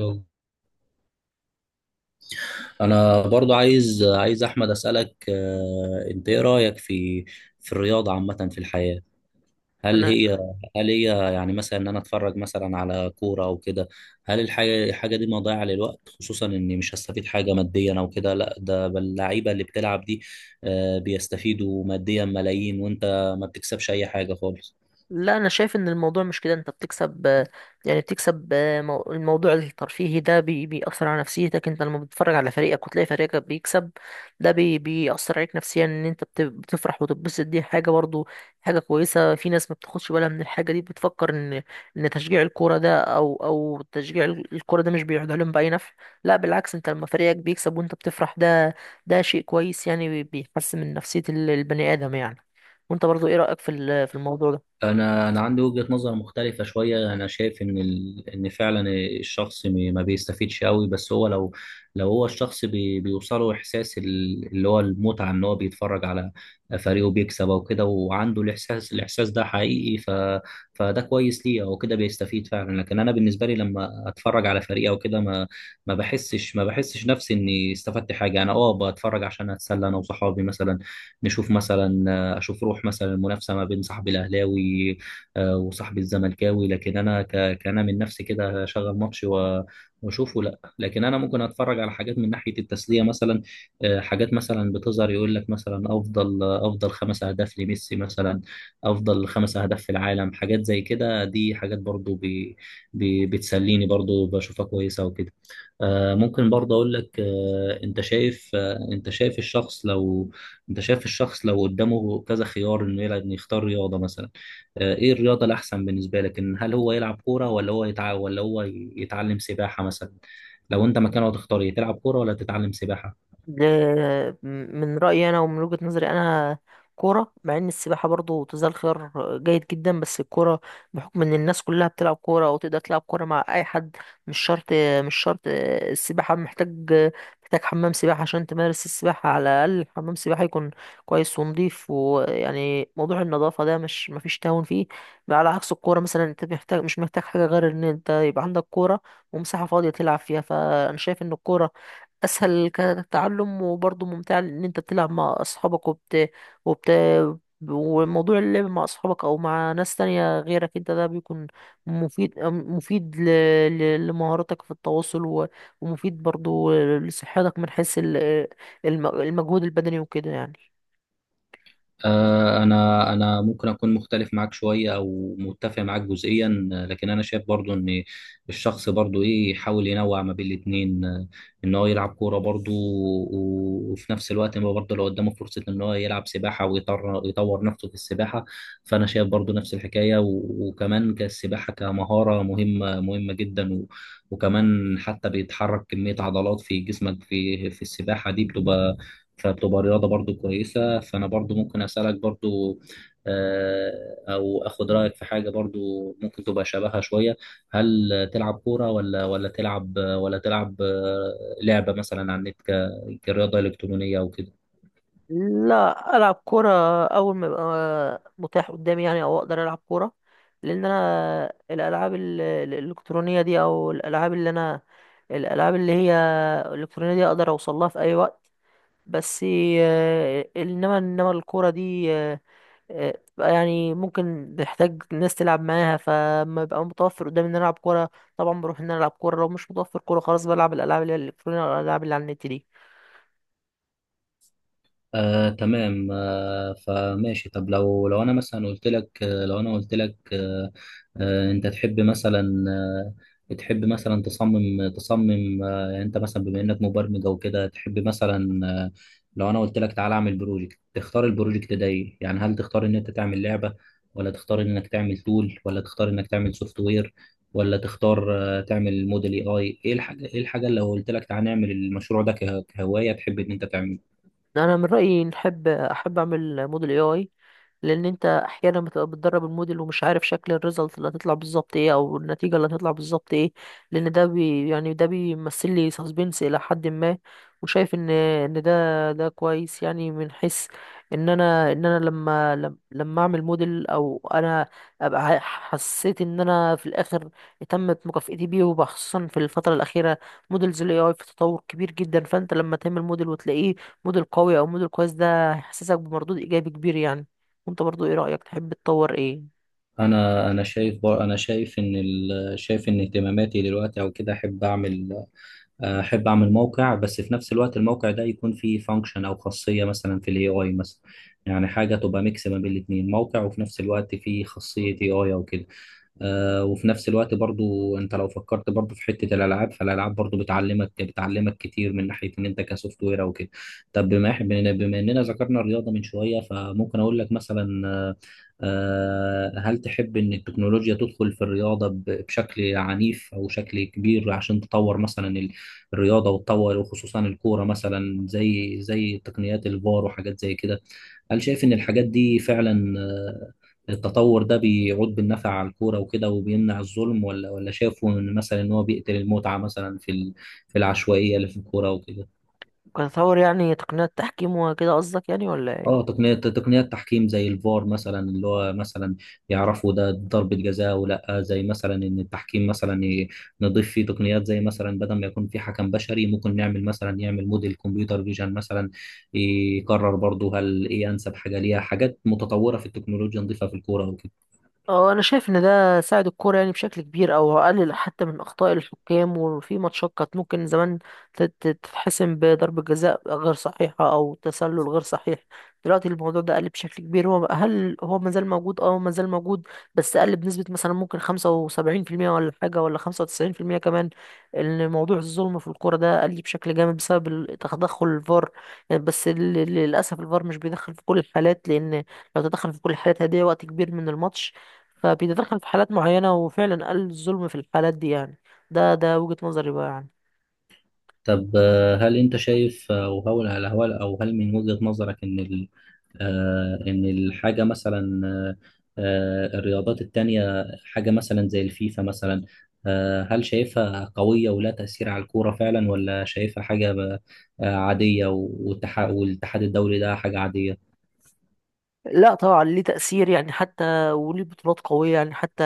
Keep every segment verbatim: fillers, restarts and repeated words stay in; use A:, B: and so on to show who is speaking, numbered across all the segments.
A: يلا. انا برضو عايز عايز احمد اسالك، آه، انت ايه رايك في في الرياضه عامه في الحياه؟ هل
B: انا
A: هي هل هي يعني مثلا ان انا اتفرج مثلا على كوره او كده؟ هل الحاجه الحاجه دي مضيعه للوقت، خصوصا اني مش هستفيد حاجه ماديا او كده؟ لا ده بل اللعيبه اللي بتلعب دي آه، بيستفيدوا ماديا ملايين، وانت ما بتكسبش اي حاجه خالص.
B: لا انا شايف ان الموضوع مش كده. انت بتكسب، آه، يعني بتكسب، آه، مو- الموضوع الترفيهي ده بي- بيأثر على نفسيتك انت لما بتتفرج على فريقك وتلاقي فريقك بيكسب. ده بي بيأثر عليك نفسيا ان انت بت- بتفرح وتتبسط. دي حاجة برضو حاجة كويسة. في ناس ما بتاخدش بالها من الحاجة دي، بتفكر ان ان تشجيع الكورة ده او او تشجيع ال- الكورة ده مش بيعود عليهم بأي نفع. لا بالعكس، انت لما فريقك بيكسب وانت بتفرح، ده ده شيء كويس يعني، بي- بيحسن من نفسية ال- البني آدم يعني. وانت برضو ايه رأيك في ال- في الموضوع ده؟
A: انا انا عندي وجهة نظر مختلفة شوية، انا شايف ان ال... ان فعلا الشخص م- ما بيستفيدش قوي، بس هو لو لو هو الشخص بي... بيوصله احساس ال- اللي هو المتعة، ان هو بيتفرج على فريقه بيكسب او كده، وعنده الاحساس الاحساس ده حقيقي، ف... فده كويس ليه او كده، بيستفيد فعلا. لكن انا بالنسبة لي لما اتفرج على فريق او كده، ما ما بحسش ما بحسش نفسي اني استفدت حاجة. انا اه بتفرج عشان اتسلى انا وصحابي مثلا، نشوف مثلا، انا اشوف روح مثلا المنافسه ما بين صاحبي الاهلاوي، آه، وصاحبي الزملكاوي. لكن انا ك- كأنا من نفسي كده اشغل ماتش و- واشوفه، لا، لكن انا ممكن اتفرج على حاجات من ناحيه التسليه مثلا. آه، حاجات مثلا بتظهر يقول لك مثلا افضل افضل خمس اهداف لميسي مثلا، افضل خمس اهداف في العالم، حاجات زي كده، دي حاجات برضو بي بي بتسليني، برضو بشوفها كويسه وكده. آه، ممكن برضه اقول لك، آه، انت شايف، آه، انت شايف الشخص لو انت شايف الشخص لو قدامه كذا خيار، انه يلعب انه يختار رياضه مثلا. آه، ايه الرياضه الاحسن بالنسبه لك، ان هل هو يلعب كوره ولا هو يتع... ولا هو يتعلم سباحه مثلا؟ لو انت مكانه هتختار ايه، تلعب كوره ولا تتعلم سباحه؟
B: ل- من رأيي أنا ومن وجهة نظري أنا كورة، مع إن السباحة برضو تزال خيار جيد جدا، بس الكورة بحكم إن الناس كلها بتلعب كورة أو تقدر تلعب كورة مع أي حد. مش شرط، مش شرط. السباحة محتاج، محتاج حمام سباحة عشان تمارس السباحة، على الأقل حمام سباحة يكون كويس ونضيف، ويعني موضوع النظافة ده مش مفيش تهاون فيه. على عكس الكورة مثلا، أنت محتاج، مش محتاج حاجة غير إن أنت يبقى عندك كورة ومساحة فاضية تلعب فيها. فأنا شايف إن الكورة اسهل كتعلم وبرضه ممتع لان انت بتلعب مع اصحابك وبت وبت وموضوع اللعب مع اصحابك او مع ناس تانية غيرك انت ده بيكون مفيد، مفيد ل... ل... لمهاراتك في التواصل، و... ومفيد برضه لصحتك من حيث ال- الم... المجهود البدني وكده يعني.
A: آه، انا انا ممكن اكون مختلف معاك شويه او متفق معاك جزئيا، آه، لكن انا شايف برضو ان الشخص برضو ايه يحاول ينوع ما بين الاتنين. آه، ان هو يلعب كوره برضو، و- وفي نفس الوقت ما برضو لو قدامه فرصه ان هو يلعب سباحه، ويطور يطور نفسه في السباحه. فانا شايف برضو نفس الحكايه، و- وكمان كالسباحه كمهاره مهمه مهمه جدا، و- وكمان حتى بيتحرك كميه عضلات في جسمك في في السباحه دي بتبقى، فبتبقى رياضة برضو كويسة. فأنا برضو ممكن أسألك برضو، آه، أو أخد رأيك في حاجة برضو ممكن تبقى شبهها شوية. هل تلعب كورة، ولا ولا تلعب ولا تلعب آه، لعبة مثلا على النت ك- كرياضة إلكترونية أو كده؟
B: لا، العب كوره اول ما يبقى متاح قدامي يعني، او اقدر العب كوره. لان انا الالعاب ال- ال- الالكترونيه دي، او الالعاب اللي انا الالعاب اللي هي الالكترونيه دي، اقدر اوصل لها في اي وقت. بس، آه، انما انما الكوره دي آه، آه، بتبقى يعني ممكن تحتاج ناس تلعب معاها، فما بيبقى متوفر قدامي ان انا العب كوره. طبعا بروح ان انا العب كوره، لو مش متوفر كوره خلاص بلعب الالعاب اللي هي الالكترونيه او الالعاب اللي على النت دي.
A: آه، تمام. آه، فماشي. طب لو لو انا مثلا قلت لك، آه، لو انا قلت لك آه، آه، انت تحب مثلا، آه، تحب مثلا تصمم تصمم، آه، يعني انت مثلا بما انك مبرمج او كده تحب مثلا، آه، لو انا قلت لك تعالى اعمل بروجكت، تختار البروجكت ده ايه؟ يعني هل تختار ان انت تعمل لعبة، ولا تختار انك تعمل تول، ولا تختار انك تعمل سوفت وير، ولا تختار آه، تعمل موديل اي اي؟ ايه الحاجة ايه الحاجة اللي لو قلت لك تعالى نعمل المشروع ده كه- كهواية تحب ان انت تعمله؟
B: انا من رايي نحب احب اعمل موديل اي اي. لان انت احيانا بتبقى بتدرب الموديل ومش عارف شكل الريزلت اللي هتطلع بالظبط ايه، او النتيجه اللي هتطلع بالظبط ايه. لان ده بي يعني ده بيمثل لي سسبنس الى حد ما. وشايف ان ان ده ده كويس يعني، من حيث ان انا، ان انا لما لم- لما اعمل موديل، او انا ابقى ح- حسيت ان انا في الاخر تمت مكافئتي بيه. وخصوصا في الفتره الاخيره موديلز الاي اي في تطور كبير جدا، فانت لما تعمل موديل وتلاقيه موديل قوي او موديل كويس، ده هيحسسك بمردود ايجابي كبير يعني. وانت برضو ايه رأيك، تحب تطور ايه؟
A: انا انا شايف بر- انا شايف ان ال... شايف ان اهتماماتي دلوقتي او كده، احب اعمل احب اعمل موقع، بس في نفس الوقت الموقع ده يكون فيه فانكشن او خاصيه مثلا في الاي اي مثلا، يعني حاجه تبقى ميكس ما بين الاثنين، موقع وفي نفس الوقت فيه خاصيه اي اي او كده. آه، وفي نفس الوقت برضو، انت لو فكرت برضو في حتة الالعاب، فالالعاب برضو بتعلمك بتعلمك كتير من ناحية ان انت كسوفت وير او كده. طب بما إح- بما بما اننا ذكرنا الرياضة من شوية، فممكن اقول لك مثلا، آه، آه، هل تحب ان التكنولوجيا تدخل في الرياضة ب- بشكل عنيف او شكل كبير، عشان تطور مثلا ال- الرياضة، وتطور وخصوصا الكورة مثلا زي زي تقنيات الفار وحاجات زي كده. هل شايف إن الحاجات دي فعلا، آه، التطور ده بيعود بالنفع على الكورة وكده وبيمنع الظلم، ولا ولا شافوا إن مثلا إن هو بيقتل المتعة مثلا في ال- في العشوائية اللي في الكورة وكده؟
B: كتطور يعني تقنيات تحكيم وكده قصدك يعني، ولا
A: اه،
B: ايه؟
A: تقنية تقنيات تحكيم زي الفار مثلا، اللي هو مثلا يعرفوا ده ضربة جزاء، ولا زي مثلا ان التحكيم مثلا ي- نضيف فيه تقنيات، زي مثلا بدل ما يكون في حكم بشري، ممكن نعمل مثلا يعمل موديل كمبيوتر فيجن مثلا، يقرر برضه هل ايه انسب حاجة ليها، حاجات متطورة في التكنولوجيا نضيفها في الكورة وكده.
B: اه، انا شايف ان ده ساعد الكوره يعني بشكل كبير، او قلل حتى من اخطاء الحكام. وفي ماتشات كانت ممكن زمان تت- تتحسم بضربه جزاء غير صحيحه او تسلل غير صحيح، دلوقتي الموضوع ده قل بشكل كبير. هو هل هو مازال موجود؟ اه مازال موجود، بس قل بنسبه مثلا ممكن خمسة وسبعين في المية ولا حاجه، ولا خمسة وتسعين في المية كمان، ان موضوع الظلم في الكوره ده قل بشكل جامد بسبب ال- تدخل الفار يعني. بس ال- للاسف الفار مش بيدخل في كل الحالات، لان لو تدخل في كل الحالات هيضيع وقت كبير من الماتش. فبيتدخل في حالات معينة، وفعلا قل الظلم في الحالات دي يعني. ده ده وجهة نظري بقى يعني.
A: طب، آه، هل انت شايف، آه، او هل هل- هل- او هل من وجهة نظرك ان ال- آه، ان الحاجة مثلا، آه، آه، الرياضات التانية حاجة مثلا زي الفيفا مثلا، آه، هل شايفها قوية ولا تأثير على الكورة فعلا، ولا شايفها حاجة ب- آه، عادية، والتح- والاتحاد الدولي ده حاجة عادية؟
B: لا طبعا ليه تأثير يعني، حتى وليه بطولات قوية يعني. حتى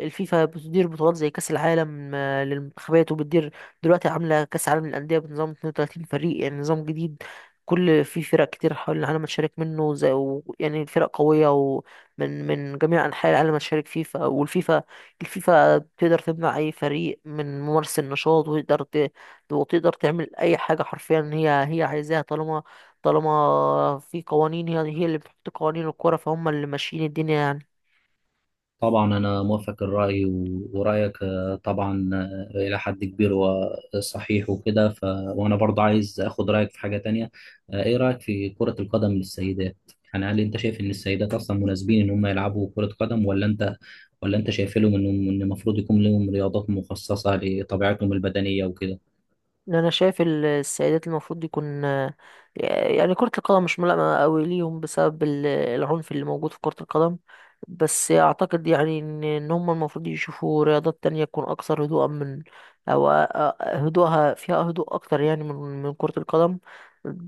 B: الفيفا بتدير بطولات زي كأس العالم، آه، للمنتخبات، وبتدير دلوقتي عاملة كأس العالم للأندية بنظام اتنين وتلاتين فريق، يعني نظام جديد. كل في فرق كتير حول العالم تشارك منه زي و- يعني فرق قوية، ومن من جميع أنحاء العالم تشارك فيفا. والفيفا الفيفا تقدر تمنع أي فريق من ممارسة النشاط، وتقدر ت- وتقدر تعمل أي حاجة حرفيا هي هي عايزاها. طالما، طالما في قوانين، هي هي اللي بتحط قوانين الكرة، فهم اللي ماشيين الدنيا يعني.
A: طبعا أنا موافق الرأي، و- ورأيك آه، طبعا آه، إلى حد كبير وصحيح وكده. ف... وأنا برضه عايز أخد رأيك في حاجة تانية. آه، إيه رأيك في كرة القدم للسيدات؟ يعني هل أنت شايف إن السيدات أصلا مناسبين إن هم يلعبوا كرة قدم، ولا أنت ولا أنت شايف لهم إنهم- إن المفروض يكون لهم رياضات مخصصة لطبيعتهم البدنية وكده؟
B: إن انا شايف ال- السيدات المفروض يكون، يعني كرة القدم مش ملائمة قوي ليهم بسبب ال- العنف اللي موجود في كرة القدم. بس اعتقد يعني ان إن هم المفروض يشوفوا رياضات تانية تكون اكثر هدوءا من، او أ- أ- هدوءها، فيها هدوء اكتر يعني من من كرة القدم.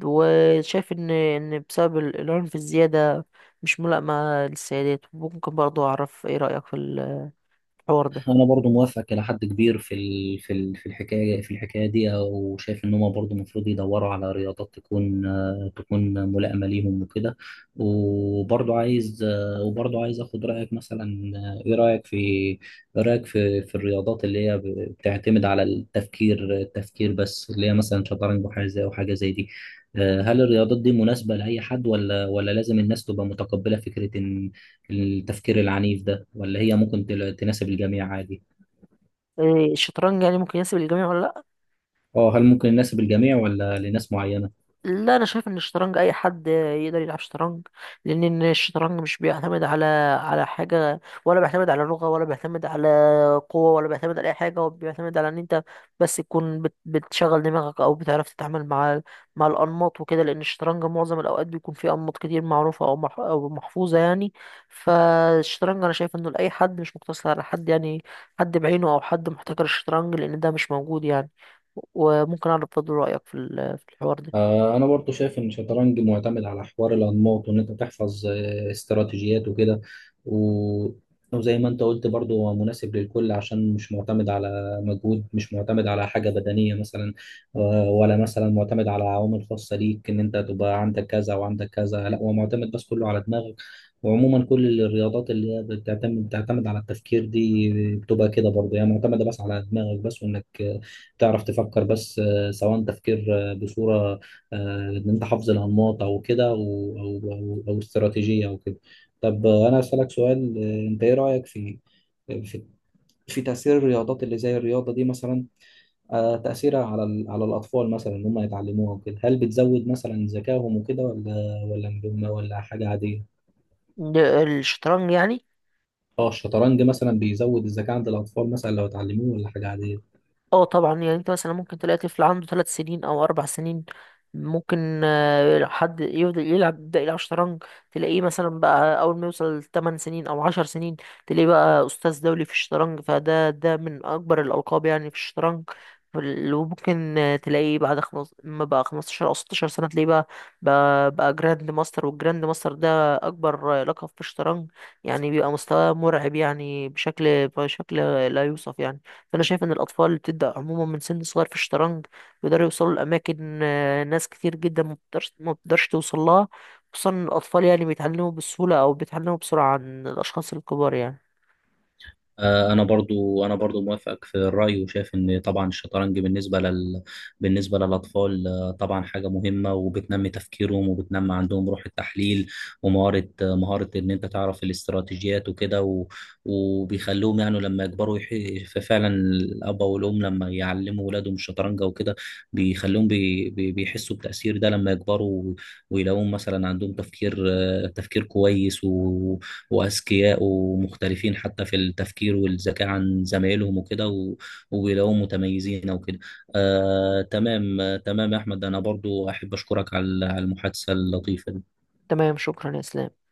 B: وشايف ان ان بسبب ال- العنف الزيادة مش ملائمة للسيدات. ممكن برضو اعرف ايه رأيك في ال الحوار ده؟
A: انا برضو موافق الى حد كبير في ال... في ال... في الحكايه في الحكايه دي، او شايف ان هم برضو المفروض يدوروا على رياضات تكون، آه، تكون ملائمه ليهم وكده. وبرضو عايز، آه، وبرضو عايز اخد رايك مثلا، آه، ايه رايك في ايه رايك في في الرياضات اللي هي ب- بتعتمد على التفكير التفكير بس، اللي هي مثلا شطرنج وحاجه زي وحاجه زي دي. آه، هل الرياضات دي مناسبه لاي حد، ولا ولا لازم الناس تبقى متقبله فكره ان التفكير العنيف ده، ولا هي ممكن تل- تناسب الجميع عادي؟
B: إيه، الشطرنج يعني ممكن يناسب الجميع ولا لا؟
A: اه، هل ممكن يناسب الجميع ولا لناس معينة؟
B: لا انا شايف ان الشطرنج اي حد يقدر يلعب شطرنج. لان إن الشطرنج مش بيعتمد على على حاجه، ولا بيعتمد على لغه، ولا بيعتمد على قوه، ولا بيعتمد على اي حاجه. هو بيعتمد على ان انت بس تكون بت- بتشغل دماغك، او بتعرف تتعامل مع مع الانماط وكده. لان الشطرنج معظم الاوقات بيكون فيه انماط كتير معروفه او مح- او محفوظه يعني. فالشطرنج انا شايف انه لاي حد، مش مقتصر على حد يعني، حد بعينه او حد محتكر الشطرنج، لان ده مش موجود يعني. وممكن اعرف برضه رايك في ال- في الحوار ده؟
A: آه، انا برضو شايف ان الشطرنج معتمد على حوار الانماط، وان انت تحفظ آه، استراتيجيات وكده. و... وزي ما انت قلت برضو، هو مناسب للكل عشان مش معتمد على مجهود، مش معتمد على حاجة بدنية مثلا، آه، ولا مثلا معتمد على عوامل خاصة ليك، ان انت تبقى عندك كذا وعندك كذا، لا، هو معتمد بس كله على دماغك. وعموما كل الرياضات اللي هي بتعتمد بتعتمد على التفكير دي، بتبقى كده برضه هي معتمدة بس على دماغك بس، وانك آه، تعرف تفكر بس، آه، سواء تفكير، آه، بصورة، آه، ان انت حافظ الانماط او كده، او او او, أو استراتيجيه او كده. طب، آه، انا اسالك سؤال. آه، انت ايه رايك في في في تاثير الرياضات اللي زي الرياضه دي مثلا، آه، تاثيرها على ال- على الاطفال مثلا، ان هم يتعلموها وكده، هل بتزود مثلا ذكائهم وكده، ولا ولا م- ولا حاجه عاديه؟
B: د- الشطرنج يعني؟
A: اه، الشطرنج مثلا بيزود الذكاء عند الاطفال مثلا لو اتعلموه، ولا حاجه عاديه؟
B: اه طبعا يعني، انت مثلا ممكن تلاقي طفل عنده ثلاث سنين او اربع سنين، ممكن آه، حد يفضل يلعب، يبدأ يلعب شطرنج. تلاقيه مثلا بقى اول ما يوصل تمانية سنين او عشر سنين تلاقيه بقى استاذ دولي في الشطرنج، فده ده من اكبر الالقاب يعني في الشطرنج. فال- وممكن آه، تلاقيه بعد خمس ما بقى خمسة عشر او ستة عشر سنة تلاقيه بقى بقى, بقى جراند ماستر. والجراند ماستر ده اكبر، آه، لقب في الشطرنج يعني. بيبقى مستواه مرعب يعني بشكل، بشكل لا يوصف يعني. فانا شايف ان الاطفال اللي بتبدا عموما من سن صغير في الشطرنج بيقدروا يوصلوا لاماكن، آه، ناس كتير جدا ما بتقدرش ما بتقدرش توصل لها. خصوصا إن الاطفال يعني بيتعلموا بسهوله، او بيتعلموا بسرعه عن الاشخاص الكبار يعني.
A: آه، انا برضو انا برضو موافقك في الراي، وشايف ان طبعا الشطرنج بالنسبه لل بالنسبه للاطفال، آه، طبعا حاجه مهمه وبتنمي تفكيرهم، وبتنمي عندهم روح التحليل، ومهاره آه، مهاره ان انت تعرف الاستراتيجيات وكده. و... وبيخلوهم يعني لما يكبروا يح... ففعلا الاب والام لما يعلموا ولادهم الشطرنج وكده، بيخلوهم بي... بي... بيحسوا بتاثير ده لما يكبروا، و- ويلاقوهم مثلا عندهم تفكير، آه، تفكير كويس، وأذكياء ومختلفين حتى في التفكير والذكاء عن زمايلهم وكده، و- وبيلاقوهم متميزين وكده. آه تمام، آه تمام يا أحمد، أنا برضو أحب أشكرك على على المحادثة اللطيفة دي.
B: تمام، شكرا يا اسلام.